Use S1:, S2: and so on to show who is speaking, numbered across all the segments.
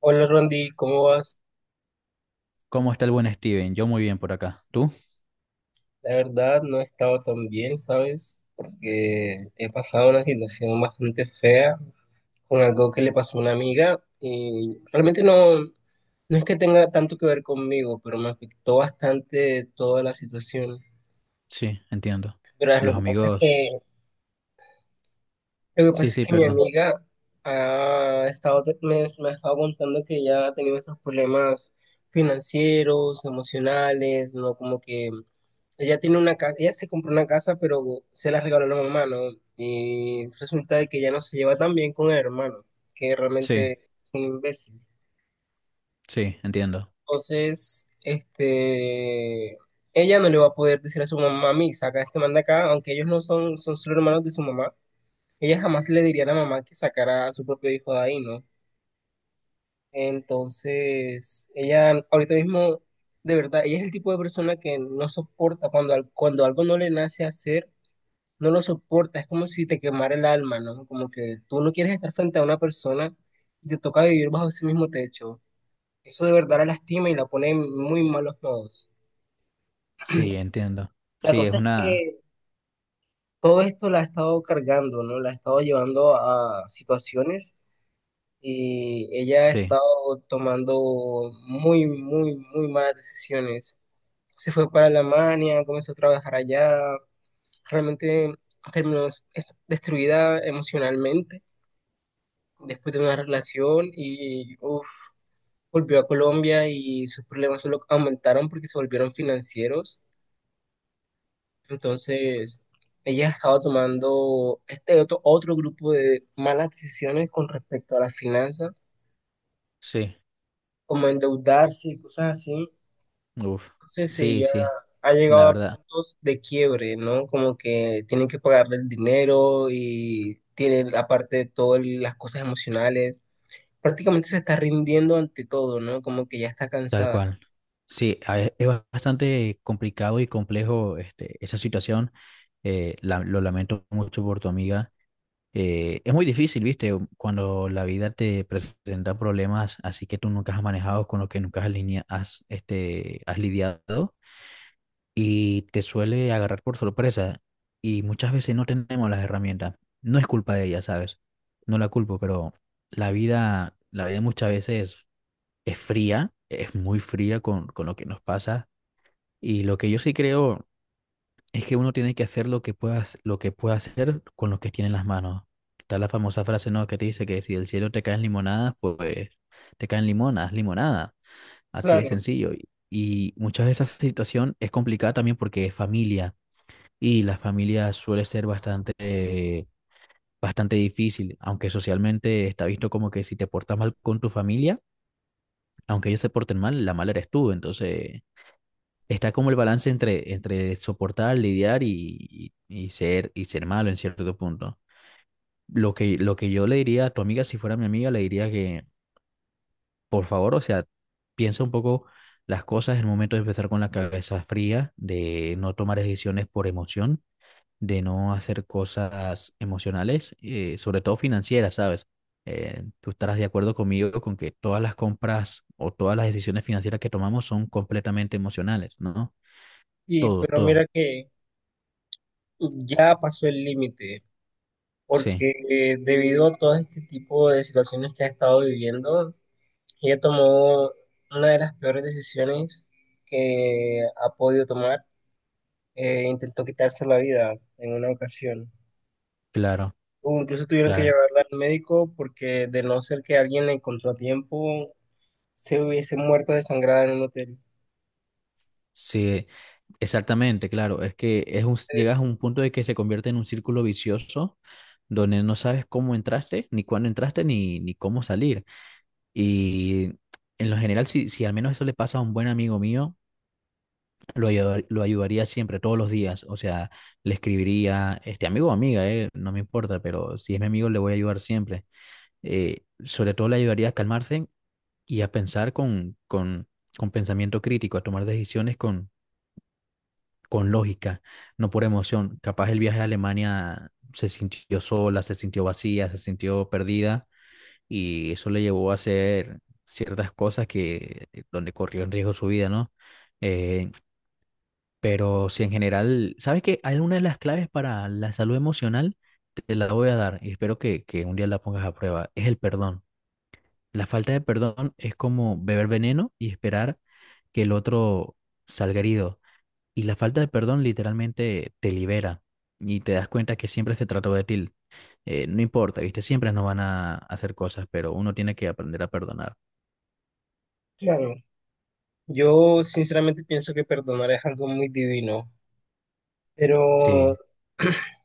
S1: Hola Rondi, ¿cómo vas?
S2: ¿Cómo está el buen Steven? Yo muy bien por acá. ¿Tú?
S1: La verdad no he estado tan bien, ¿sabes? Porque he pasado una situación bastante fea con algo que le pasó a una amiga y realmente no es que tenga tanto que ver conmigo, pero me afectó bastante toda la situación.
S2: Sí, entiendo.
S1: Pero lo
S2: Los
S1: que pasa es que
S2: amigos.
S1: Lo que
S2: Sí,
S1: pasa es
S2: sí,
S1: que mi
S2: perdón.
S1: amiga ha estado, me ha estado contando que ella ha tenido esos problemas financieros, emocionales, ¿no? Como que ella tiene una casa, ella se compró una casa, pero se la regaló la mamá, ¿no? Y resulta de que ya no se lleva tan bien con el hermano, que
S2: Sí,
S1: realmente es un imbécil.
S2: sí, entiendo.
S1: Entonces, ella no le va a poder decir a su mamá, mí, saca a este manda acá, aunque ellos no son, son solo hermanos de su mamá. Ella jamás le diría a la mamá que sacara a su propio hijo de ahí, ¿no? Entonces, ella ahorita mismo, de verdad, ella es el tipo de persona que no soporta cuando, cuando algo no le nace hacer, no lo soporta, es como si te quemara el alma, ¿no? Como que tú no quieres estar frente a una persona y te toca vivir bajo ese mismo techo. Eso de verdad la lastima y la pone en muy malos modos.
S2: Sí, entiendo.
S1: La
S2: Sí, es
S1: cosa es
S2: una.
S1: que todo esto la ha estado cargando, ¿no? La ha estado llevando a situaciones y ella ha
S2: Sí,
S1: estado tomando muy, muy, muy malas decisiones. Se fue para Alemania, comenzó a trabajar allá, realmente terminó es- destruida emocionalmente después de una relación y uf, volvió a Colombia y sus problemas solo aumentaron porque se volvieron financieros. Entonces, ella ha estado tomando este otro grupo de malas decisiones con respecto a las finanzas,
S2: sí.
S1: como endeudarse y cosas así.
S2: Uf.
S1: Entonces
S2: Sí,
S1: ella
S2: sí,
S1: ha llegado
S2: la
S1: a
S2: verdad.
S1: puntos de quiebre, ¿no? Como que tienen que pagarle el dinero y tiene aparte de todo las cosas emocionales. Prácticamente se está rindiendo ante todo, ¿no? Como que ya está
S2: Tal
S1: cansada.
S2: cual. Sí, es bastante complicado y complejo esa situación. Lo lamento mucho por tu amiga. Es muy difícil, ¿viste? Cuando la vida te presenta problemas así que tú nunca has manejado, con los que nunca has, linea- has, este, has lidiado y te suele agarrar por sorpresa y muchas veces no tenemos las herramientas. No es culpa de ella, ¿sabes? No la culpo, pero la vida muchas veces es fría, es muy fría con lo que nos pasa y lo que yo sí creo es que uno tiene que hacer lo que pueda hacer con lo que tiene en las manos. Está la famosa frase, ¿no? Que te dice que si del cielo te caen limonadas, pues te caen limonada. Así de
S1: Claro,
S2: sencillo. Y muchas veces esa situación es complicada también porque es familia. Y la familia suele ser bastante, bastante difícil, aunque socialmente está visto como que si te portas mal con tu familia, aunque ellos se porten mal, la mala eres tú. Entonces está como el balance entre soportar, lidiar y ser malo en cierto punto. Lo que yo le diría a tu amiga, si fuera mi amiga, le diría que, por favor, o sea, piensa un poco las cosas en el momento de empezar con la cabeza fría, de no tomar decisiones por emoción, de no hacer cosas emocionales, sobre todo financieras, ¿sabes? Tú estarás de acuerdo conmigo con que todas las compras o todas las decisiones financieras que tomamos son completamente emocionales, ¿no?
S1: y
S2: Todo,
S1: pero
S2: todo.
S1: mira que ya pasó el límite,
S2: Sí.
S1: porque debido a todo este tipo de situaciones que ha estado viviendo, ella tomó una de las peores decisiones que ha podido tomar intentó quitarse la vida en una ocasión.
S2: Claro,
S1: O incluso tuvieron que
S2: claro.
S1: llevarla al médico porque de no ser que alguien la encontró a tiempo, se hubiese muerto desangrada en un hotel.
S2: Sí, exactamente, claro. Es que
S1: Eh,
S2: llegas a un punto de que se convierte en un círculo vicioso donde no sabes cómo entraste, ni cuándo entraste, ni cómo salir. Y en lo general, si al menos eso le pasa a un buen amigo mío, lo ayudaría siempre, todos los días. O sea, le escribiría, este amigo o amiga, no me importa, pero si es mi amigo, le voy a ayudar siempre. Sobre todo le ayudaría a calmarse y a pensar con pensamiento crítico, a tomar decisiones con lógica, no por emoción. Capaz el viaje a Alemania se sintió sola, se sintió vacía, se sintió perdida y eso le llevó a hacer ciertas cosas que donde corrió en riesgo su vida, ¿no? Eh, pero si en general, ¿sabes que hay una de las claves para la salud emocional, te la voy a dar y espero que un día la pongas a prueba, es el perdón. La falta de perdón es como beber veneno y esperar que el otro salga herido y la falta de perdón literalmente te libera y te das cuenta que siempre se trató de ti. No importa, ¿viste? Siempre nos van a hacer cosas, pero uno tiene que aprender a perdonar.
S1: claro, yo sinceramente pienso que perdonar es algo muy divino, pero
S2: Sí,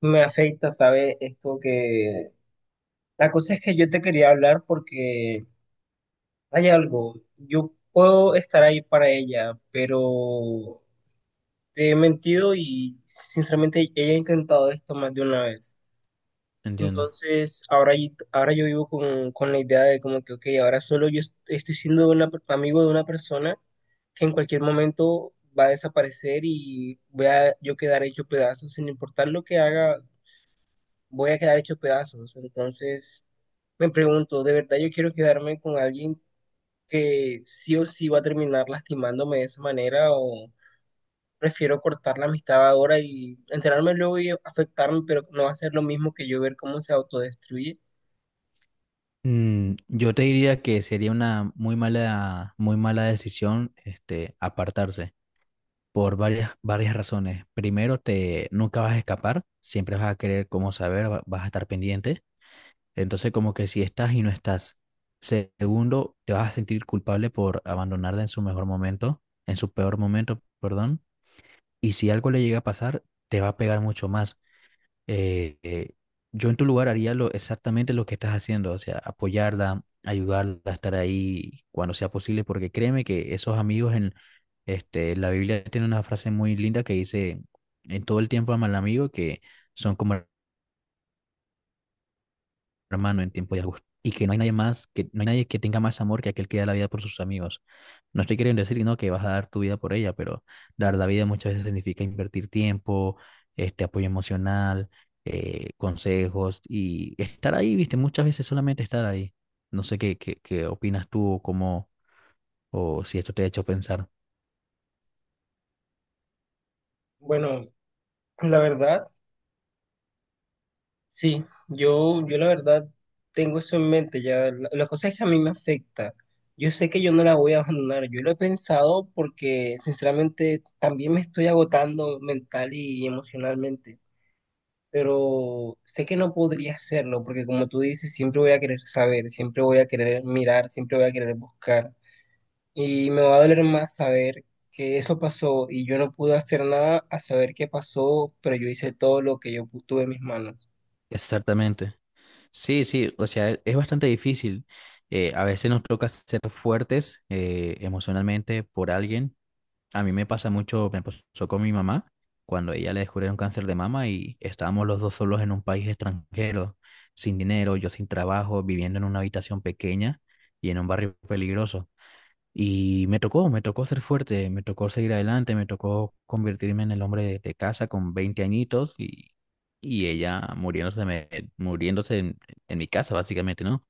S1: me afecta, sabe esto que... La cosa es que yo te quería hablar porque hay algo. Yo puedo estar ahí para ella, pero te he mentido y sinceramente he intentado esto más de una vez.
S2: entiendo.
S1: Entonces, ahora, ahora yo vivo con la idea de como que, ok, ahora solo yo estoy siendo una amigo de una persona que en cualquier momento va a desaparecer y voy a yo quedar hecho pedazos. Sin importar lo que haga, voy a quedar hecho pedazos. Entonces, me pregunto, ¿de verdad yo quiero quedarme con alguien que sí o sí va a terminar lastimándome de esa manera? Prefiero cortar la amistad ahora y enterarme luego y afectarme, pero no va a ser lo mismo que yo ver cómo se autodestruye.
S2: Yo te diría que sería una muy mala decisión, apartarse por varias razones. Primero, te nunca vas a escapar, siempre vas a querer cómo saber, vas a estar pendiente. Entonces, como que si estás y no estás. Segundo, te vas a sentir culpable por abandonarla en su mejor momento, en su peor momento, perdón. Y si algo le llega a pasar, te va a pegar mucho más. Eh, eh, yo en tu lugar haría lo, exactamente lo que estás haciendo, o sea, apoyarla, ayudarla a estar ahí cuando sea posible, porque créeme que esos amigos en la Biblia tiene una frase muy linda que dice, en todo el tiempo ama al amigo, que son como hermano en tiempo y angustia. Y que no hay nadie más, que no hay nadie que tenga más amor que aquel que da la vida por sus amigos. No estoy queriendo decir, no, que vas a dar tu vida por ella, pero dar la vida muchas veces significa invertir tiempo, este apoyo emocional, consejos y estar ahí, viste, muchas veces solamente estar ahí. No sé qué opinas tú o cómo, o si esto te ha hecho pensar.
S1: Bueno, la verdad, sí, yo la verdad tengo eso en mente ya. La cosa es que a mí me afecta. Yo sé que yo no la voy a abandonar. Yo lo he pensado porque sinceramente también me estoy agotando mental y emocionalmente. Pero sé que no podría hacerlo porque como tú dices, siempre voy a querer saber, siempre voy a querer mirar, siempre voy a querer buscar. Y me va a doler más saber que eso pasó y yo no pude hacer nada a saber qué pasó, pero yo hice todo lo que yo tuve en mis manos.
S2: Exactamente. Sí, sí, o sea, es bastante difícil. A veces nos toca ser fuertes emocionalmente por alguien. A mí me pasa mucho, me pasó con mi mamá cuando ella le descubrieron cáncer de mama y estábamos los dos solos en un país extranjero, sin dinero, yo sin trabajo, viviendo en una habitación pequeña y en un barrio peligroso. Me tocó ser fuerte, me tocó seguir adelante, me tocó convertirme en el hombre de casa con 20 añitos y ella muriéndose en mi casa, básicamente, ¿no?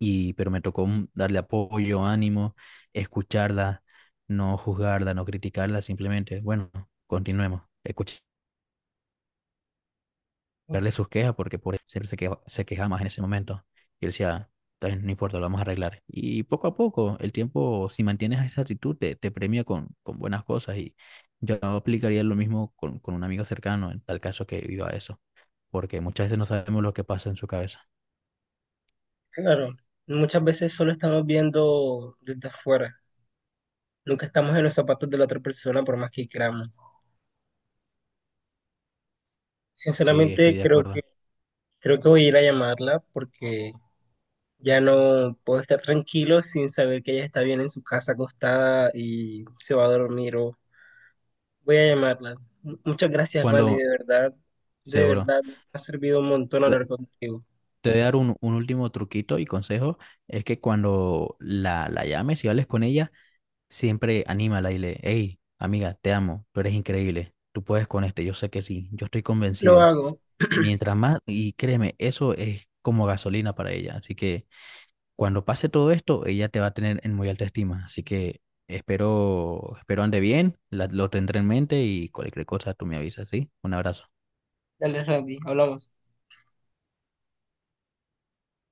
S2: Y pero me tocó darle apoyo, ánimo, escucharla, no juzgarla, no criticarla, simplemente, bueno, continuemos, escucharle
S1: Ok.
S2: sus quejas porque por siempre se quejaba más en ese momento. Y él decía, "Está bien, no importa, lo vamos a arreglar". Y poco a poco, el tiempo, si mantienes esa actitud, te premia con buenas cosas y yo aplicaría lo mismo con un amigo cercano en tal caso que viva eso, porque muchas veces no sabemos lo que pasa en su cabeza.
S1: Claro, muchas veces solo estamos viendo desde afuera. Nunca estamos en los zapatos de la otra persona por más que queramos.
S2: Sí, estoy
S1: Sinceramente,
S2: de acuerdo.
S1: creo que voy a ir a llamarla porque ya no puedo estar tranquilo sin saber que ella está bien en su casa acostada y se va a dormir o voy a llamarla. Muchas gracias, Randy,
S2: Cuando,
S1: de
S2: seguro.
S1: verdad, me ha servido un montón hablar contigo.
S2: Te voy a dar un último truquito y consejo, es que cuando la llames y hables con ella, siempre anímala y le, hey, amiga, te amo, tú eres increíble, tú puedes con este, yo sé que sí, yo estoy
S1: Lo
S2: convencido.
S1: hago.
S2: Mientras más, y créeme, eso es como gasolina para ella, así que cuando pase todo esto, ella te va a tener en muy alta estima, así que espero ande bien, lo tendré en mente y cualquier cosa tú me avisas, ¿sí? Un abrazo.
S1: Dale, Randy, hablamos.